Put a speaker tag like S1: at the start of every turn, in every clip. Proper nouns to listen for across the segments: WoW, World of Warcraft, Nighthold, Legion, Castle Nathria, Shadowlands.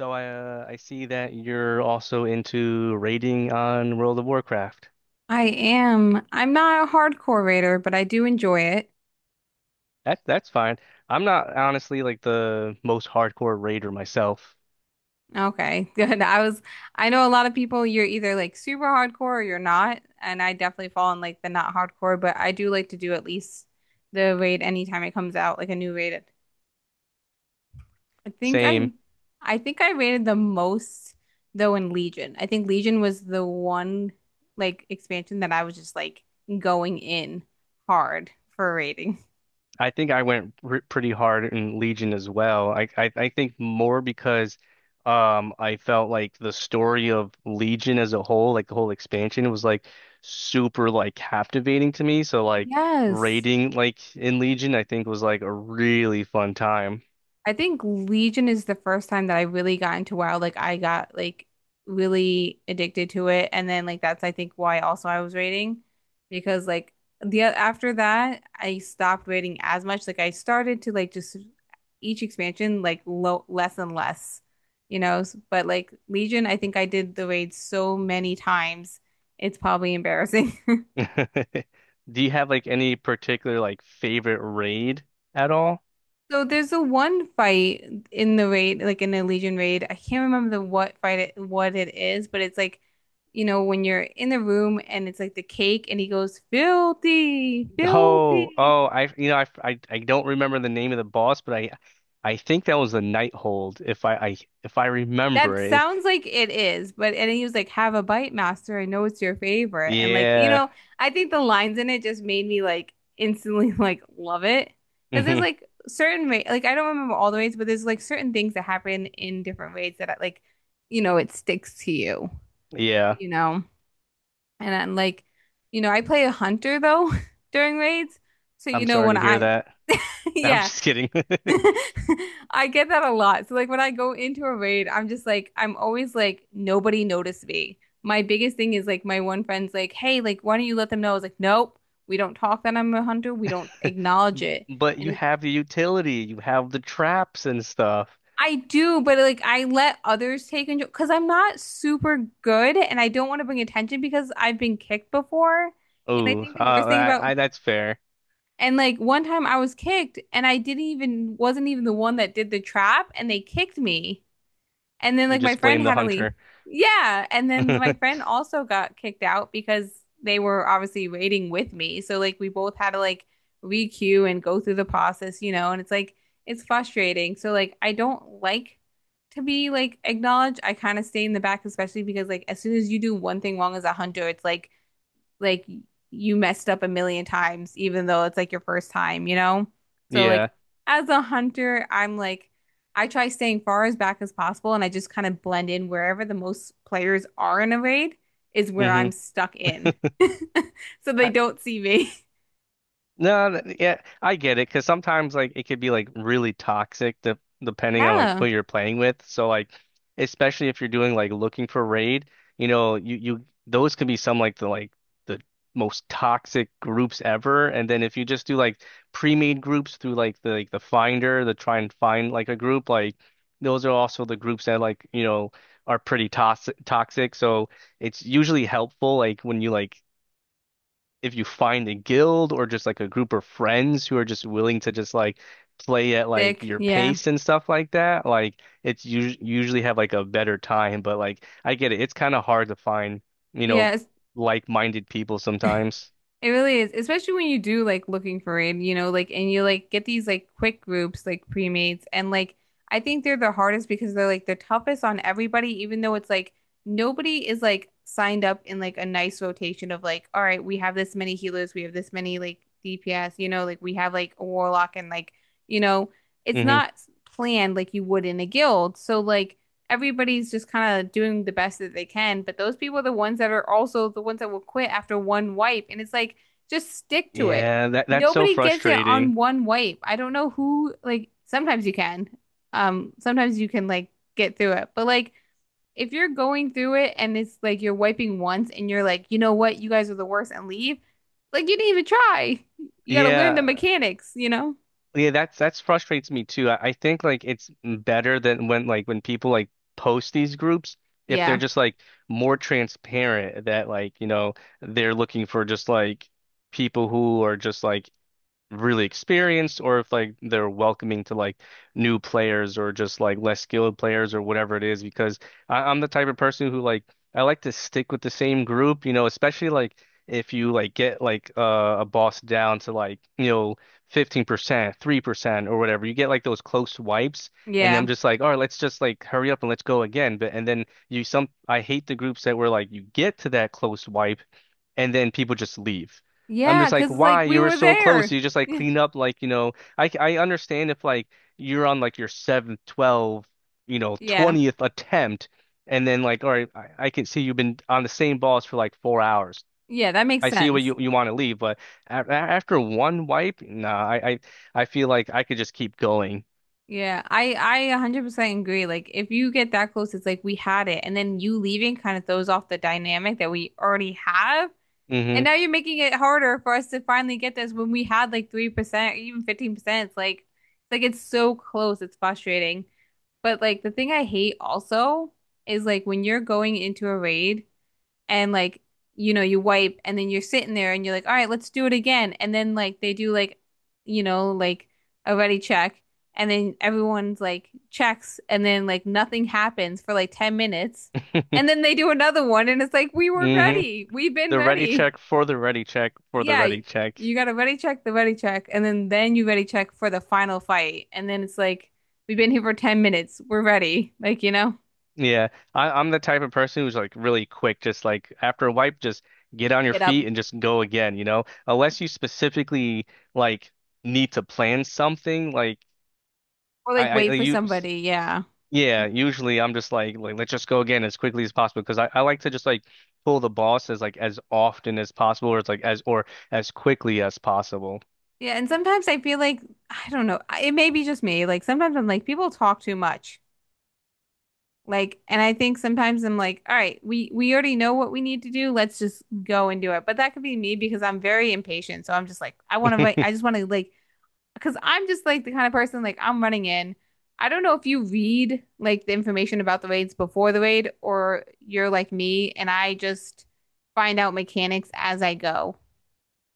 S1: So I see that you're also into raiding on World of Warcraft.
S2: I am. I'm not a hardcore raider, but I do enjoy it.
S1: That's fine. I'm not honestly like the most hardcore raider myself.
S2: Okay, good. I know a lot of people, you're either like super hardcore or you're not. And I definitely fall in like the not hardcore, but I do like to do at least the raid anytime it comes out, like a new raid. I think I,
S1: Same.
S2: I think I rated the most though in Legion. I think Legion was the one like expansion that I was just like going in hard for rating.
S1: I think I went r pretty hard in Legion as well. I think more because I felt like the story of Legion as a whole, like the whole expansion, was like super like captivating to me. So like
S2: Yes.
S1: raiding like in Legion, I think was like a really fun time.
S2: I think Legion is the first time that I really got into WoW. Like I got like really addicted to it, and then like that's I think why also I was raiding because like the after that I stopped raiding as much. Like I started to like just each expansion like low less and less, you know. But like Legion, I think I did the raid so many times, it's probably embarrassing.
S1: Do you have like any particular like favorite raid at all?
S2: So there's a one fight in the raid, like in the Legion raid. I can't remember the what fight it, what it is, but it's like, you know, when you're in the room and it's like the cake and he goes, filthy,
S1: Oh,
S2: filthy.
S1: oh, I I don't remember the name of the boss, but I think that was the Nighthold if I
S2: That
S1: remember it.
S2: sounds like it is, but and he was like, have a bite, master. I know it's your favorite. And like, you
S1: Yeah.
S2: know, I think the lines in it just made me like instantly like love it. Because there's
S1: Hmm.
S2: like certain ra like I don't remember all the raids, but there's like certain things that happen in different raids that like, you know, it sticks to you.
S1: Yeah.
S2: You know. And I'm like, you know, I play a hunter though during raids. So, you
S1: I'm
S2: know,
S1: sorry
S2: when
S1: to hear
S2: I'm,
S1: that. I'm
S2: yeah,
S1: just kidding.
S2: I get that a lot. So, like, when I go into a raid, I'm just like, I'm always like, nobody noticed me. My biggest thing is like, my one friend's like, hey, like, why don't you let them know? I was like, nope, we don't talk that I'm a hunter. We don't acknowledge it.
S1: But
S2: And
S1: you
S2: it's,
S1: have the utility, you have the traps and stuff.
S2: I do, but like, I let others take control because I'm not super good and I don't want to bring attention because I've been kicked before. And I
S1: Oh,
S2: think the worst thing about
S1: I that's fair.
S2: And like one time I was kicked and I didn't even wasn't even the one that did the trap and they kicked me. And then
S1: You
S2: like my
S1: just
S2: friend
S1: blame the
S2: had to leave.
S1: hunter.
S2: Yeah, and then my friend also got kicked out because they were obviously waiting with me. So like we both had to like re-queue and go through the process, you know, and it's like it's frustrating. So like I don't like to be like acknowledged. I kind of stay in the back, especially because like as soon as you do one thing wrong as a hunter, it's like you messed up a million times, even though it's like your first time, you know? So
S1: Yeah.
S2: like as a hunter, I'm like I try staying far as back as possible and I just kind of blend in wherever the most players are in a raid is where
S1: Hmm.
S2: I'm stuck in. So they don't see me.
S1: No, th- yeah, I get it because sometimes like it could be like really toxic de depending on like
S2: Yeah.
S1: who you're playing with. So like, especially if you're doing like looking for raid, you know, you those can be some like the most toxic groups ever. And then if you just do like pre-made groups through like the finder, the try and find like a group, like those are also the groups that like you know are pretty toxic. So it's usually helpful like when you like if you find a guild or just like a group of friends who are just willing to just like play at like
S2: Sick.
S1: your
S2: Yeah.
S1: pace and stuff like that, like it's us usually have like a better time. But like I get it, it's kind of hard to find, you know,
S2: Yeah. It's
S1: like-minded people sometimes.
S2: It really is, especially when you do like looking for it, you know, like and you like get these like quick groups like pre-mates and like I think they're the hardest because they're like the toughest on everybody, even though it's like nobody is like signed up in like a nice rotation of like, all right, we have this many healers, we have this many like DPS, you know, like we have like a warlock and like, you know, it's
S1: Hmm.
S2: not planned like you would in a guild. So like everybody's just kind of doing the best that they can. But those people are the ones that are also the ones that will quit after one wipe. And it's like, just stick to it.
S1: Yeah, that's so
S2: Nobody gets it on
S1: frustrating.
S2: one wipe. I don't know who, like, sometimes you can. Sometimes you can, like, get through it. But, like, if you're going through it and it's like you're wiping once and you're like, you know what, you guys are the worst and leave, like, you didn't even try. You got to learn the
S1: Yeah,
S2: mechanics, you know?
S1: Yeah, that's frustrates me too. I think like it's better than when like when people like post these groups if they're
S2: Yeah.
S1: just like more transparent that like you know they're looking for just like people who are just like really experienced or if like they're welcoming to like new players or just like less skilled players or whatever it is because I'm the type of person who like I like to stick with the same group, you know, especially like if you like get like a boss down to like, you know, 15%, 3% or whatever. You get like those close wipes and
S2: Yeah.
S1: I'm just like, "All right, let's just like hurry up and let's go again." But and then you some I hate the groups that were like you get to that close wipe and then people just leave. I'm
S2: Yeah.
S1: just like,
S2: Cause, like,
S1: why?
S2: we
S1: You were
S2: were
S1: so close.
S2: there.
S1: You just like
S2: Yeah.
S1: clean up, like you know. I understand if like you're on like your seventh, twelve, you know,
S2: Yeah.
S1: twentieth attempt, and then like, all right, I can see you've been on the same balls for like 4 hours.
S2: Yeah, that makes
S1: I see what
S2: sense.
S1: you want to leave, but after one wipe, nah, I feel like I could just keep going.
S2: Yeah, I 100% agree. Like if you get that close, it's like we had it, and then you leaving kind of throws off the dynamic that we already have. And
S1: Hmm.
S2: now you're making it harder for us to finally get this when we had like 3% or even 15%. It's so close. It's frustrating. But like the thing I hate also is like when you're going into a raid and like you know you wipe and then you're sitting there and you're like all right let's do it again and then like they do like you know like a ready check and then everyone's like checks and then like nothing happens for like 10 minutes and then they do another one and it's like we were
S1: hmm.
S2: ready we've been
S1: The ready
S2: ready
S1: check for the ready check for the
S2: yeah
S1: ready check.
S2: you got to ready check the ready check and then you ready check for the final fight and then it's like we've been here for 10 minutes we're ready like you know
S1: Yeah, I'm the type of person who's like really quick, just like after a wipe, just get on your
S2: get up
S1: feet and just go again, you know? Unless you specifically like need to plan something, like
S2: or like
S1: I, I
S2: wait for
S1: you,
S2: somebody yeah.
S1: yeah, usually I'm just like let's just go again as quickly as possible because I like to just like pull the boss as like as often as possible or it's like as or as quickly as possible.
S2: Yeah, and sometimes I feel like I don't know. It may be just me. Like sometimes I'm like people talk too much. Like, and I think sometimes I'm like, all right, we already know what we need to do. Let's just go and do it. But that could be me because I'm very impatient. So I'm just like, I want to. I just want to like because I'm just like the kind of person like I'm running in. I don't know if you read like the information about the raids before the raid or you're like me and I just find out mechanics as I go.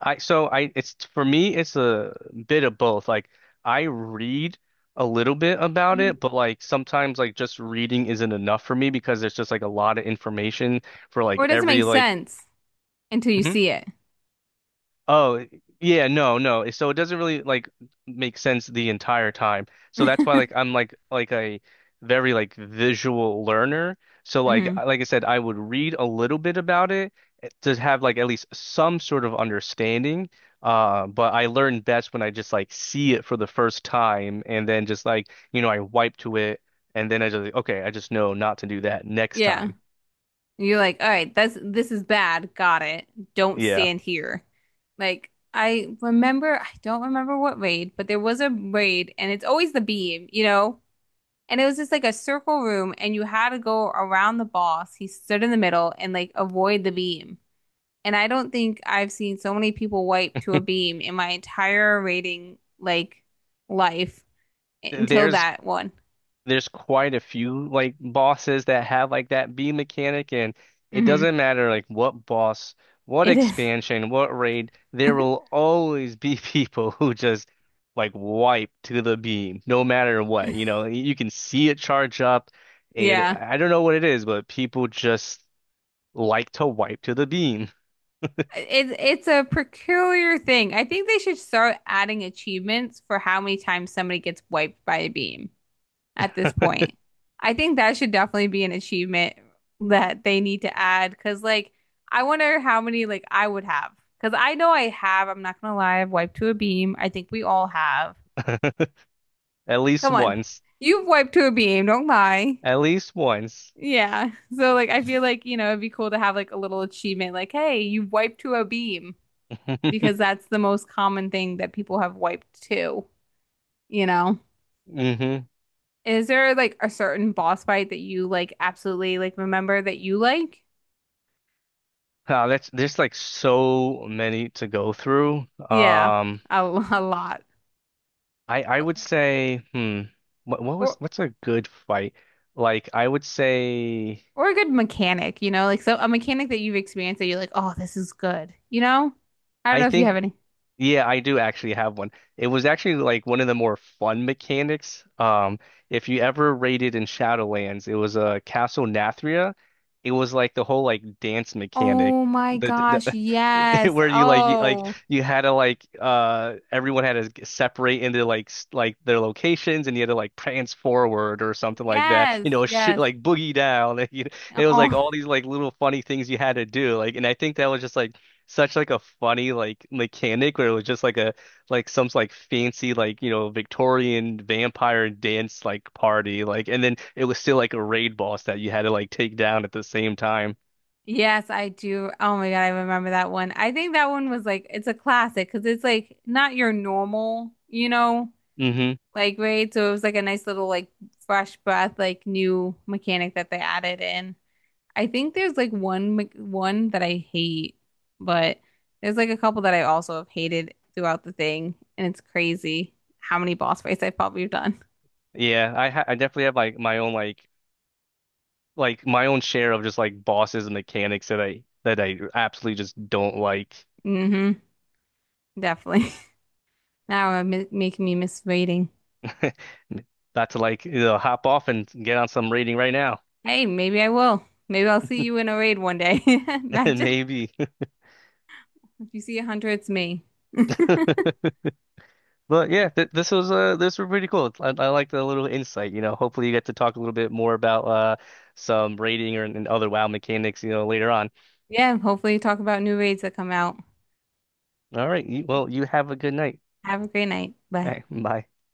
S1: I so I it's for me it's a bit of both. Like I read a little bit about it,
S2: Mhm.
S1: but like sometimes like just reading isn't enough for me because there's just like a lot of information for
S2: Or
S1: like
S2: it doesn't
S1: every
S2: make
S1: like.
S2: sense until you
S1: Mhm.
S2: see it.
S1: Oh, eh, yeah, So it doesn't really like make sense the entire time. So that's why like I'm like a very like visual learner. So like
S2: Hmm.
S1: like I said, I would read a little bit about it to have like at least some sort of understanding. But I learn best when I just like see it for the first time and then just like, you know, I wipe to it and then I just like, okay, I just know not to do that next
S2: Yeah.
S1: time.
S2: You're like, all right, that's this is bad. Got it. Don't
S1: Yeah.
S2: stand here. Like I remember, I don't remember what raid, but there was a raid, and it's always the beam, you know? And it was just like a circle room, and you had to go around the boss. He stood in the middle and like avoid the beam. And I don't think I've seen so many people wipe to a beam in my entire raiding like life until
S1: There's
S2: that one.
S1: there's quite a few like bosses that have like that B mechanic, and it
S2: Hmm.
S1: doesn't matter like what boss, what
S2: It is.
S1: expansion, what raid, there will always be people who just like wipe to the beam, no matter what. You know, you can see it charge up, and
S2: Yeah.
S1: I don't know what it is, but people just like to wipe to the beam.
S2: It's a peculiar thing. I think they should start adding achievements for how many times somebody gets wiped by a beam at this point. I think that should definitely be an achievement that they need to add because like I wonder how many like I would have because I know I have. I'm not gonna lie. I've wiped to a beam. I think we all have.
S1: At least
S2: Come on,
S1: once.
S2: you've wiped to a beam. Don't lie.
S1: At least once.
S2: Yeah. So like I feel like you know it'd be cool to have like a little achievement like hey you wiped to a beam. Because that's the most common thing that people have wiped too, you know?
S1: hmm.
S2: Is there like a certain boss fight that you like absolutely like remember that you like?
S1: Wow, that's there's like so many to go through.
S2: Yeah,
S1: Um,
S2: a, a lot.
S1: I I would say, hmm,
S2: Or
S1: what's a good fight? Like I would say,
S2: or a good mechanic, you know? Like so a mechanic that you've experienced that you're like, "Oh, this is good." You know? I don't
S1: I
S2: know if you
S1: think.
S2: have any.
S1: Yeah, I do actually have one. It was actually like one of the more fun mechanics. If you ever raided in Shadowlands, it was a Castle Nathria. It was like the whole like dance mechanic,
S2: Oh my gosh,
S1: the
S2: yes.
S1: where like
S2: Oh,
S1: you had to like everyone had to separate into like like their locations and you had to like prance forward or something like that.
S2: yes,
S1: You know, shit
S2: yes.
S1: like boogie down. you know, it was like
S2: Oh,
S1: all these like little funny things you had to do. Like, and I think that was just like such like a funny like mechanic where it was just like a like some like fancy like you know Victorian vampire dance like party like and then it was still like a raid boss that you had to like take down at the same time.
S2: yes, I do. Oh my God, I remember that one. I think that one was like it's a classic because it's like not your normal, you know,
S1: Hmm.
S2: like right. So it was like a nice little like fresh breath, like new mechanic that they added in. I think there's like one that I hate, but there's like a couple that I also have hated throughout the thing, and it's crazy how many boss fights I've probably done.
S1: Yeah, I definitely have like my own share of just like bosses and mechanics that I absolutely just don't like.
S2: Hmm. Definitely. Now it's making me miss rating.
S1: About to like you know, hop off and get on some raiding right now.
S2: Hey, maybe I will. Maybe I'll see you in a raid one day. Imagine
S1: Maybe.
S2: if you see a hunter, it's me.
S1: But yeah,
S2: But
S1: th this was pretty cool. I like the little insight, you know. Hopefully you get to talk a little bit more about some rating or and other WoW mechanics, you know, later on.
S2: yeah, hopefully talk about new raids that come out.
S1: All right, well, you have a good night.
S2: Have a great night.
S1: All
S2: Bye.
S1: right, bye.